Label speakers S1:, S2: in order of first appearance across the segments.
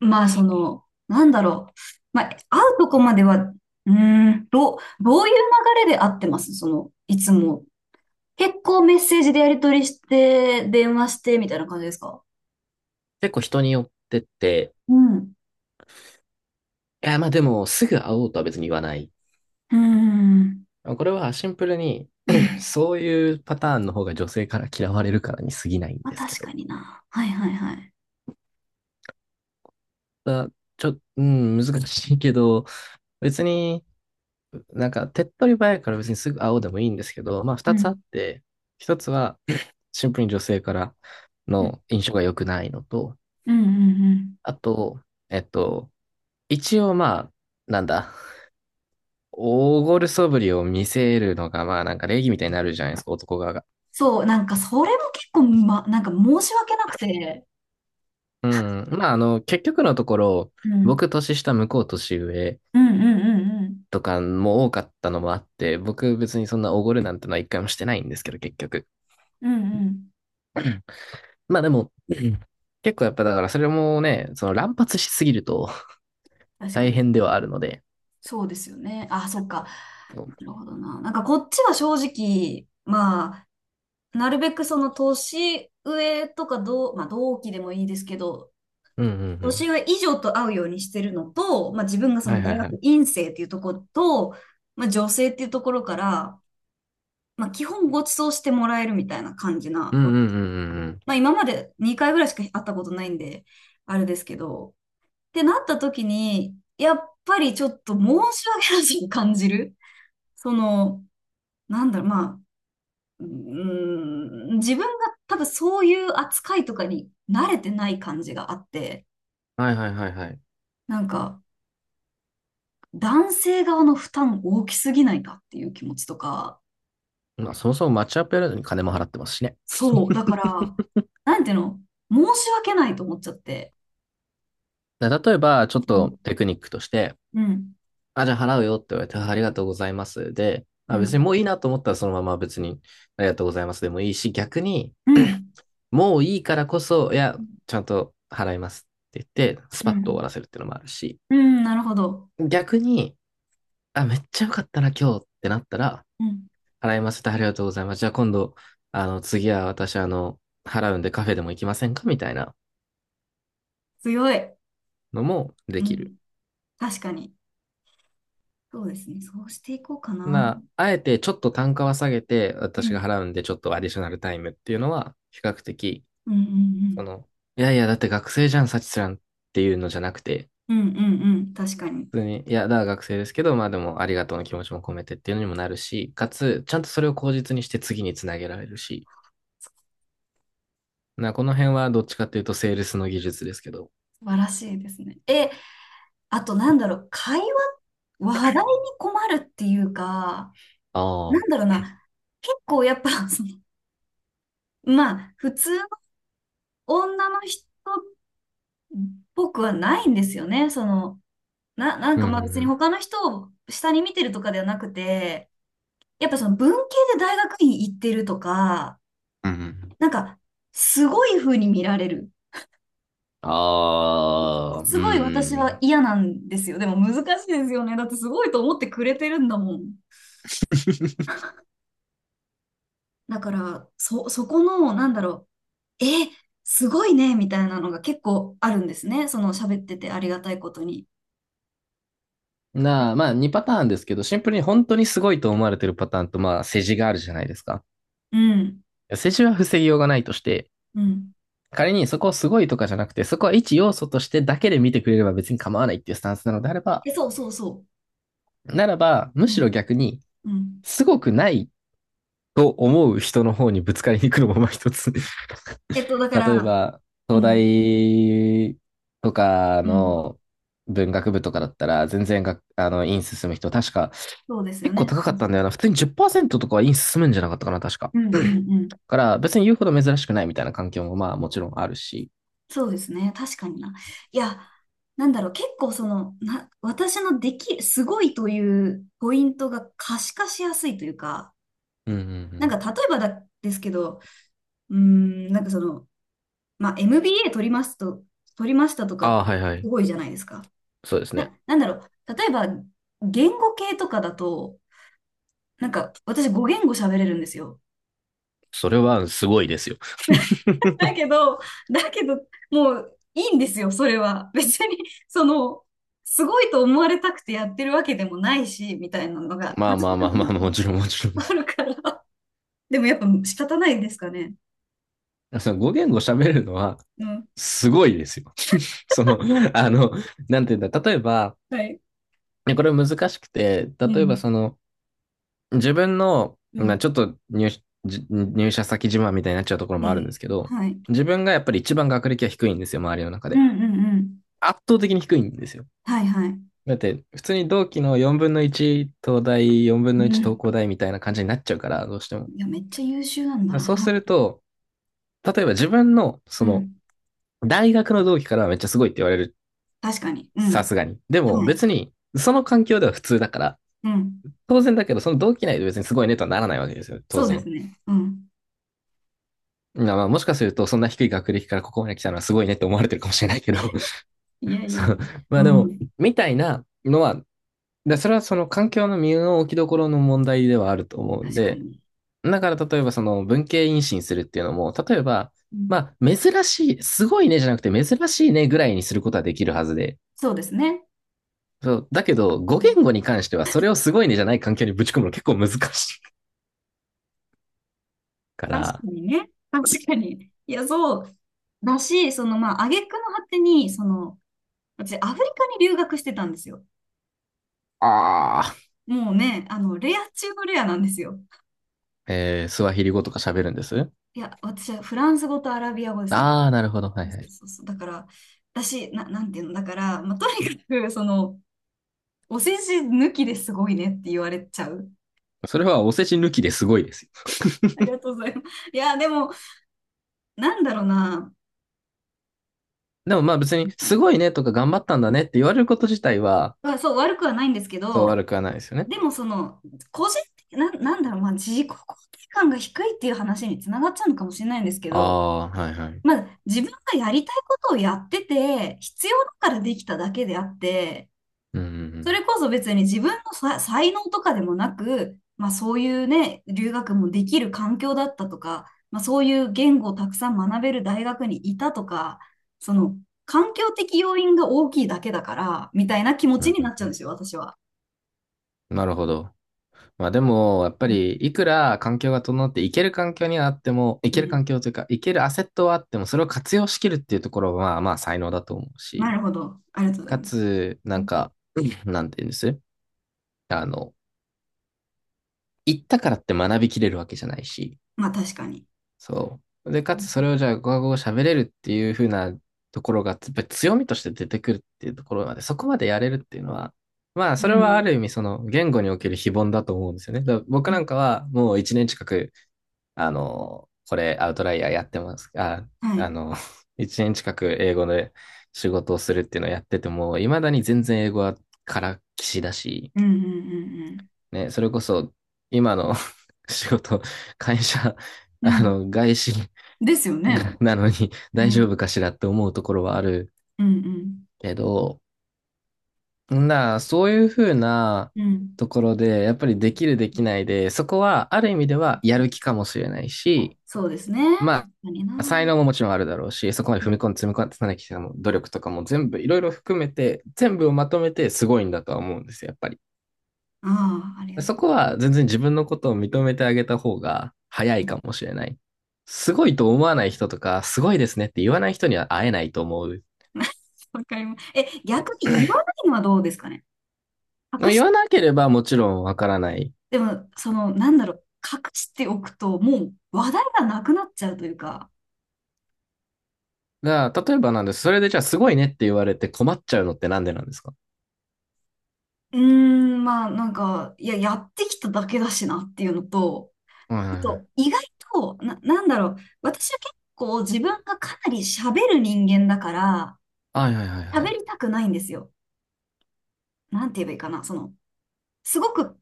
S1: まあ、その、なんだろう。まあ、会うとこまでは、どういう流れで会ってますその、いつも。結構メッセージでやり取りして、電話して、みたいな感じですか？
S2: 結構人によってって、
S1: うん。う
S2: いや、まあでも、すぐ会おうとは別に言わない。
S1: ーん。
S2: これはシンプルに
S1: う ん。
S2: そういうパターンの方が女性から嫌われるからに過ぎないん
S1: まあ、
S2: ですけ
S1: 確
S2: ど。
S1: かにな。はいはいはい。
S2: だちょ、うん、難しいけど、別になんか手っ取り早いから別にすぐ会おうでもいいんですけど、まあ
S1: う
S2: 二つあっ
S1: ん。
S2: て、一つはシンプルに女性から
S1: うん。
S2: の印象が良くないのと、
S1: うん。うんうん。
S2: あと、えっと、一応まあ、なんだ、大ごるそぶりを見せるのが、まあなんか礼儀みたいになるじゃないですか、男側が。
S1: そう、なんか、それも結構、ま、なんか申し訳なくて。
S2: うん。まあ結局のところ、
S1: うん。
S2: 僕年下、向こう年上
S1: うんうんうん
S2: とかも多かったのもあって、僕別にそんなおごるなんてのは一回もしてないんですけど、結局。
S1: うん。うんうん。
S2: まあでも、うん、結構やっぱだからそれもね、その乱発しすぎると
S1: 確か
S2: 大
S1: に。
S2: 変ではあるので。
S1: そうですよね。あ、そっか。
S2: そう、
S1: なるほどな。なんかこっちは正直、まあ、なるべくその年上とかまあ同期でもいいですけど、
S2: うんうんう
S1: 年
S2: ん。
S1: 上以上と会うようにしてるのと、まあ自分がそ
S2: はい
S1: の
S2: はい
S1: 大
S2: はい。
S1: 学院生っていうところと、まあ女性っていうところから、まあ基本ご馳走してもらえるみたいな感じ
S2: う
S1: な
S2: んう
S1: わ
S2: んうん
S1: け
S2: う
S1: です。
S2: んうん。
S1: まあ今まで2回ぐらいしか会ったことないんで、あれですけど、ってなった時に、やっぱりちょっと申し訳なしに感じる。その、なんだろう、まあ、自分が多分そういう扱いとかに慣れてない感じがあって、
S2: はいはいはいはい。
S1: なんか男性側の負担大きすぎないかっていう気持ちとか、
S2: まあそもそもマッチアップやるのに金も払ってますしね。
S1: そう、だから、なんていうの、申し訳ないと思っちゃって。
S2: だから例えば、ちょっ
S1: う
S2: と
S1: ん、
S2: テクニックとして、
S1: うん、
S2: あ、じゃあ払うよって言われて、あ、ありがとうございます。で、
S1: う
S2: あ、別に
S1: ん、
S2: もういいなと思ったらそのまま別にありがとうございますでもいいし、逆に
S1: うん、
S2: もういいからこそ、いや、ちゃんと払いますって言って、ス
S1: う
S2: パッと終わ
S1: ん、
S2: らせるっていうのもあるし、
S1: うんなるほど。
S2: 逆に、あ、めっちゃよかったな今日ってなったら、
S1: うん、
S2: 払いますってありがとうございます。じゃあ今度、あの、次は私あの、払うんでカフェでも行きませんかみたいな
S1: 強い。
S2: のもで
S1: う
S2: きる。
S1: ん、確かに。そうですね、そうしていこうかな。
S2: な、あえてちょっと単価は下げて、
S1: う
S2: 私が
S1: ん、
S2: 払うんでちょっとアディショナルタイムっていうのは、比較的
S1: うん、う
S2: そ
S1: ん、
S2: の、いやいや、だって学生じゃん、サチスランっていうのじゃなくて、
S1: うん、うん、うん、うん確かに。
S2: 普通に、いや、だから学生ですけど、まあでもありがとうの気持ちも込めてっていうのにもなるし、かつ、ちゃんとそれを口実にして次につなげられるし、な、この辺はどっちかっていうとセールスの技術ですけど。
S1: 素晴らしいですね。え、あとなんだろう、話題に困るっていうか、
S2: あ
S1: な
S2: あ、
S1: んだろうな、結構やっぱ、その、まあ、普通の女の人っぽくはないんですよね。その、なん
S2: うん、
S1: か
S2: うん、
S1: ま
S2: う
S1: あ別に
S2: ん。
S1: 他の人を下に見てるとかではなくて、やっぱその文系で大学院行ってるとか、
S2: うんうん。
S1: なんか、すごい風に見られる。
S2: ああ、
S1: す
S2: う
S1: ごい私は
S2: ん。
S1: 嫌なんですよ。でも難しいですよね。だってすごいと思ってくれてるんだもん。だから、そこの、なんだろう、え、すごいね、みたいなのが結構あるんですね。その喋っててありがたいことに。
S2: なあ、まあ2パターンですけど、シンプルに本当にすごいと思われてるパターンと、まあ世辞があるじゃないですか。
S1: うん、
S2: 世辞は防ぎようがないとして、
S1: うん。
S2: 仮にそこをすごいとかじゃなくて、そこは一要素としてだけで見てくれれば別に構わないっていうスタンスなのであれば、
S1: え、そうそうそ
S2: ならば、む
S1: う。う
S2: しろ
S1: ん、
S2: 逆に、
S1: うん。
S2: すごくないと思う人の方にぶつかりに行くのもまあ一つ。
S1: だか
S2: 例え
S1: ら、
S2: ば、
S1: う
S2: 東
S1: ん、
S2: 大とか
S1: うん。
S2: の文学部とかだったら、全然があの、院進む人、確か、
S1: そうですよ
S2: 結構
S1: ね。
S2: 高か
S1: そ
S2: っ
S1: う
S2: た
S1: そ
S2: んだ
S1: う
S2: よ
S1: そ
S2: な。普通に10%とかは院進むんじゃなかったかな、確か。
S1: う。うん、うん、うん。
S2: だから、別に言うほど珍しくないみたいな環境もまあもちろんあるし。
S1: そうですね。確かにな。いや、なんだろう、結構その、私の、すごいというポイントが可視化しやすいというか、
S2: うんうんう
S1: なん
S2: ん。
S1: か例えば、ですけど、なんかその、まあ、MBA 取りますと、取りましたと
S2: あ
S1: か、
S2: あ、はいはい。
S1: すごいじゃないですか。
S2: そうですね。
S1: なんだろう。例えば、言語系とかだと、なんか、私語言語喋れるんですよ。
S2: それはすごいですよ。
S1: だ けど、だけど、もういいんですよ、それは。別に、その、すごいと思われたくてやってるわけでもないし、みたいなのが
S2: まあまあまあまあ、も ちろんもちろ
S1: あるから。でもやっぱ仕方ないですかね。
S2: ん。そのご言語喋るのは
S1: うん。
S2: すごいですよ。その、あの、なんていうんだ、例えば、
S1: はい。
S2: ね、これ難しくて、
S1: う
S2: 例えば
S1: ん。
S2: その、自分の、
S1: う
S2: まあ
S1: ん。
S2: ちょっと入社先自慢みたいになっちゃうところ
S1: いや
S2: もあ
S1: い
S2: る
S1: や
S2: んで
S1: い
S2: すけ
S1: や
S2: ど、
S1: はい。
S2: 自分がやっぱり一番学歴は低いんですよ、周りの中
S1: う
S2: で。
S1: んうんうん。
S2: 圧倒的に低いんですよ。
S1: はいはい。
S2: だって、普通に同期の4分の1東大、4分
S1: う
S2: の1東
S1: ん。
S2: 工大みたいな感じになっちゃうから、どうしても。
S1: いや、めっちゃ優秀なんだな。
S2: そうすると、例えば自分の、そ
S1: う
S2: の、
S1: ん。
S2: 大学の同期からはめっちゃすごいって言われる。
S1: 確かに。う
S2: さ
S1: ん。
S2: すがに。でも
S1: はい。
S2: 別に、その環境では普通だから、
S1: うん。
S2: 当然だけど、その同期内で別にすごいねとはならないわけですよ。当
S1: そうです
S2: 然。
S1: ね。うん。
S2: まあまあ、もしかすると、そんな低い学歴からここまで来たのはすごいねって思われてるかもしれないけど
S1: いや いやい
S2: そ
S1: や。
S2: う。まあ
S1: う
S2: でも、
S1: ん。
S2: みたいなのは、でそれはその環境の身の置きどころの問題ではあると思うん
S1: 確か
S2: で、
S1: に。
S2: だから例えばその文系妊進するっていうのも、例えば、
S1: うん。
S2: まあ、珍しい、すごいねじゃなくて珍しいねぐらいにすることはできるはずで、
S1: そうですね。
S2: そう。だけど、語言語に関しては、それをすごいねじゃない環境にぶち込むの結構難しいか
S1: 確か
S2: ら、
S1: にね。確かに。いや、そう。だし、その、まあ、挙句の果てに、その、私、アフリカに留学してたんですよ。
S2: ああ、
S1: もうね、あの、レア中のレアなんですよ。
S2: えー、スワヒリ語とか喋るんです、
S1: いや、私はフランス語とアラビア語ですね。
S2: ああ、なるほど。は
S1: そ
S2: いは
S1: う
S2: い。
S1: そうそう。だから、私、なんていうの、だから、まあ、とにかく、その、お世辞抜きですごいねって言われちゃう。
S2: それはお世辞抜きですごいですよ。
S1: あ りがとうございます。いや、でも、なんだろうな。
S2: でもまあ別に、すごいねとか頑張ったんだねって言われること自体は、
S1: まあそう、悪くはないんですけ
S2: そう
S1: ど、
S2: 悪くはないですよね。
S1: でもその、個人的、なんだろう、まあ、自己肯定感が低いっていう話につながっちゃうのかもしれないんですけ
S2: あ
S1: ど、
S2: あ、はいはい。
S1: まあ、自分がやりたいことをやってて、必要だからできただけであって、
S2: うん、う
S1: そ
S2: ん、
S1: れこそ別に自分の才能とかでもなく、まあそういうね、留学もできる環境だったとか、まあそういう言語をたくさん学べる大学にいたとか、その環境的要因が大きいだけだから、みたいな気持
S2: う
S1: ち
S2: ん、
S1: に
S2: う
S1: なっ
S2: ん
S1: ちゃうんで
S2: う
S1: すよ、私は。
S2: ん。なるほど。まあでも、やっぱり、いくら環境が整っていける環境にはあっても、い
S1: う
S2: ける
S1: ん。
S2: 環境というか、いけるアセットはあっても、それを活用しきるっていうところは、まあまあ才能だと思う
S1: な
S2: し、
S1: るほど。ありがとうござい
S2: か
S1: ます。
S2: つ、
S1: う
S2: なん
S1: ん
S2: か、なんて言うんです、あの、行ったからって学びきれるわけじゃないし、
S1: まあ確かに。
S2: そう。で、かつそ
S1: う
S2: れをじゃあ、語学語喋れるっていう風なところが、やっぱり強みとして出てくるっていうところまで、そこまでやれるっていうのは、まあ、それはあ
S1: ん。
S2: る意味、その、言語における非凡だと思うんですよね。だから
S1: う
S2: 僕な
S1: ん
S2: んかは、もう一年近く、あの、これアウトライヤーやってます。あ、
S1: は
S2: あ
S1: い。
S2: の、1年近く英語で仕事をするっていうのをやってても、未だに全然英語はからっきしだし、
S1: うんうんうん
S2: ね、それこそ今の 仕事、会社、
S1: うん。
S2: あ
S1: うん。
S2: の、外資
S1: ですよね。
S2: なのに
S1: う
S2: 大丈
S1: ん。
S2: 夫かしらって思うところはある
S1: うん
S2: けど、な、そういうふうな
S1: うん。うん。
S2: ところで、やっぱりできるできないで、そこはある意味ではやる気かもしれないし、
S1: そうですね。確
S2: ま
S1: かにな。
S2: あ、才能ももちろんあるだろうし、そこま
S1: う
S2: で踏
S1: ん
S2: み込んで積み重ねてきた努力とかも全部いろいろ含めて、全部をまとめてすごいんだとは思うんですよ、やっぱり。
S1: ああ、ありが
S2: そ
S1: とう。
S2: こは全然自分のことを認めてあげた方が早
S1: う
S2: い
S1: ん
S2: かもしれない。すごいと思わない人とか、すごいですねって言わない人には会えないと思う
S1: わかります。
S2: し。
S1: 逆に言わないのはどうですかね。隠
S2: 言
S1: し、
S2: わなければもちろんわからない。
S1: でも、その、なんだろう、隠しておくと、もう話題がなくなっちゃうというか、
S2: が、例えばなんです。それでじゃあすごいねって言われて困っちゃうのってなんでなんですか？
S1: まあ、なんか、いや、やってきただけだしなっていうのと、
S2: はい
S1: あ
S2: はいはい。
S1: と、意外と、なんだろう、私は結構自分がかなり喋る人間だから、
S2: はいはいはいは
S1: 喋
S2: い。
S1: りたくないんですよ。なんて言えばいいかな、その、すごく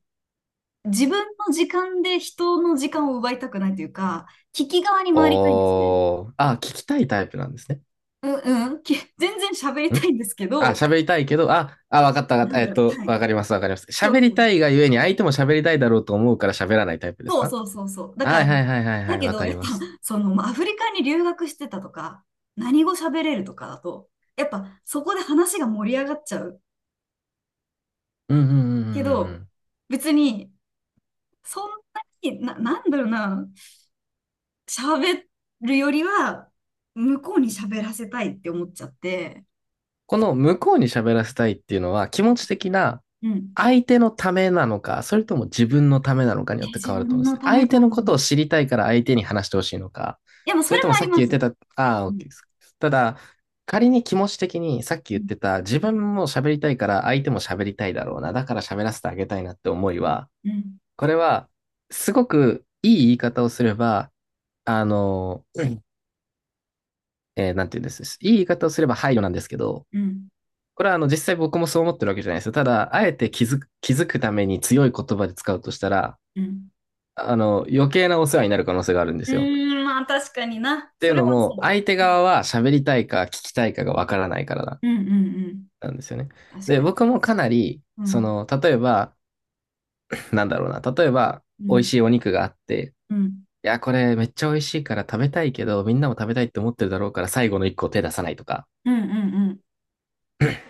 S1: 自分の時間で人の時間を奪いたくないというか、聞き側に回りたいんですね。
S2: おー。あ、聞きたいタイプなんですね。
S1: うんうん。全然喋りた
S2: ん、
S1: いんですけ
S2: あ、
S1: ど、
S2: 喋りたいけど、あ、あ、わかったわかっ
S1: な
S2: た。
S1: んだろう。はい。
S2: わかります、わかります。
S1: そう
S2: 喋り
S1: そう。
S2: たいがゆえに相手も喋りたいだろうと思うから喋らないタイプです
S1: そう
S2: か？
S1: そうそうそう。だか
S2: はい
S1: ら、
S2: はいはいはいは
S1: だ
S2: い、
S1: け
S2: わ
S1: ど、
S2: か
S1: や
S2: り
S1: っぱ、
S2: ます。
S1: その、まあアフリカに留学してたとか、何語喋れるとかだと、やっぱ、そこで話が盛り上がっちゃう。
S2: うんうんうんうんうんう
S1: けど、
S2: ん。
S1: 別に、そんなに、なんだろうな、喋るよりは、向こうに喋らせたいって思っちゃって、
S2: この向こうに喋らせたいっていうのは気持ち的な、
S1: うん。
S2: 相手のためなのか、それとも自分のためなのかに
S1: え、
S2: よって変
S1: 自
S2: わると思
S1: 分
S2: うんです
S1: の
S2: ね。
S1: ため
S2: 相手
S1: か
S2: のことを
S1: も。
S2: 知りたいから相手に話してほしいのか、
S1: いや、もう
S2: そ
S1: そ
S2: れ
S1: れ
S2: とも
S1: もあ
S2: さ
S1: り
S2: っき
S1: ま
S2: 言って
S1: す。
S2: た、あ
S1: う
S2: あ、
S1: ん、
S2: OK です。ただ、仮に気持ち的にさっき
S1: う
S2: 言っ
S1: ん、
S2: てた自分も喋りたいから相手も喋りたいだろうな、だから喋らせてあげたいなって思いは、
S1: うん、
S2: これはすごくいい言い方をすれば、あの、うん、えー、なんて言うんです。いい言い方をすれば配慮なんですけど、
S1: うん。
S2: これはあの実際僕もそう思ってるわけじゃないですよ。ただ、あえて気づくために強い言葉で使うとしたら、
S1: うん
S2: あの、余計なお世話になる可能性があるんですよ。
S1: まあ確かにな。
S2: ってい
S1: そ
S2: う
S1: れ
S2: の
S1: は
S2: も、
S1: そ
S2: 相手
S1: う。う
S2: 側は喋りたいか聞きたいかがわからないからな
S1: ん、うん、うんうん。
S2: なんですよね。
S1: 確
S2: で、
S1: かに。
S2: 僕もかなり、
S1: う
S2: そ
S1: ん、
S2: の、例えば、なんだろうな、例えば、
S1: う
S2: 美味
S1: ん、
S2: しいお肉があって、
S1: うん、
S2: いや、これめっちゃ美味しいから食べたいけど、みんなも食べたいって思ってるだろうから最後の一個手出さないとか、
S1: うん、うん。うん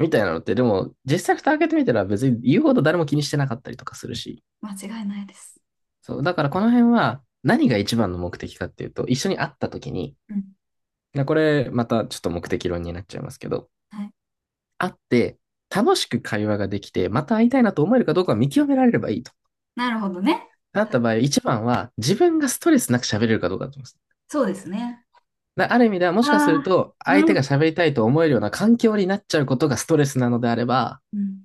S2: みたいなのって、でも実際蓋開けてみたら別に言うほど誰も気にしてなかったりとかするし、
S1: 間違いないです。
S2: そう、だからこの辺は何が一番の目的かっていうと、一緒に会った時に、
S1: うん。
S2: な、これまたちょっと目的論になっちゃいますけど、
S1: はい。
S2: 会って楽しく会話ができて、また会いたいなと思えるかどうかを見極められればいいと。
S1: なるほどね。
S2: なった場合、一番は自分がストレスなく喋れるかどうかだと思います。
S1: そうですね。
S2: だある意味ではも
S1: あ
S2: しかする
S1: あ、
S2: と、相
S1: う
S2: 手が
S1: ん。
S2: 喋りたいと思えるような環境になっちゃうことがストレスなのであれば、
S1: うん。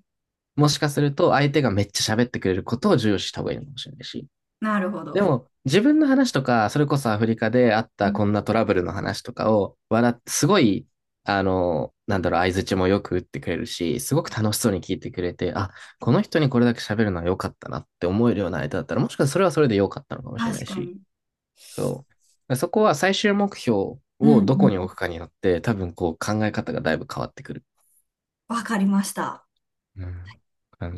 S2: もしかすると相手がめっちゃ喋ってくれることを重要視した方がいいのかもしれないし、
S1: なるほ
S2: で
S1: ど。
S2: も、自分の話とか、それこそアフリカであっ
S1: う
S2: た
S1: ん
S2: こんなトラブルの話とかを、笑って、すごい、あの、なんだろう、相槌もよく打ってくれるし、すごく楽しそうに聞いてくれて、あ、この人にこれだけ喋るのは良かったなって思えるような相手だったら、もしかしたらそれはそれで良かったのかもしれな
S1: 確
S2: い
S1: か
S2: し、
S1: に。
S2: そう。そこは最終目標
S1: うん、
S2: をど
S1: う
S2: こに置
S1: ん。
S2: くかによって、多分こう考え方がだいぶ変わってくる、
S1: わかりました。
S2: うん、感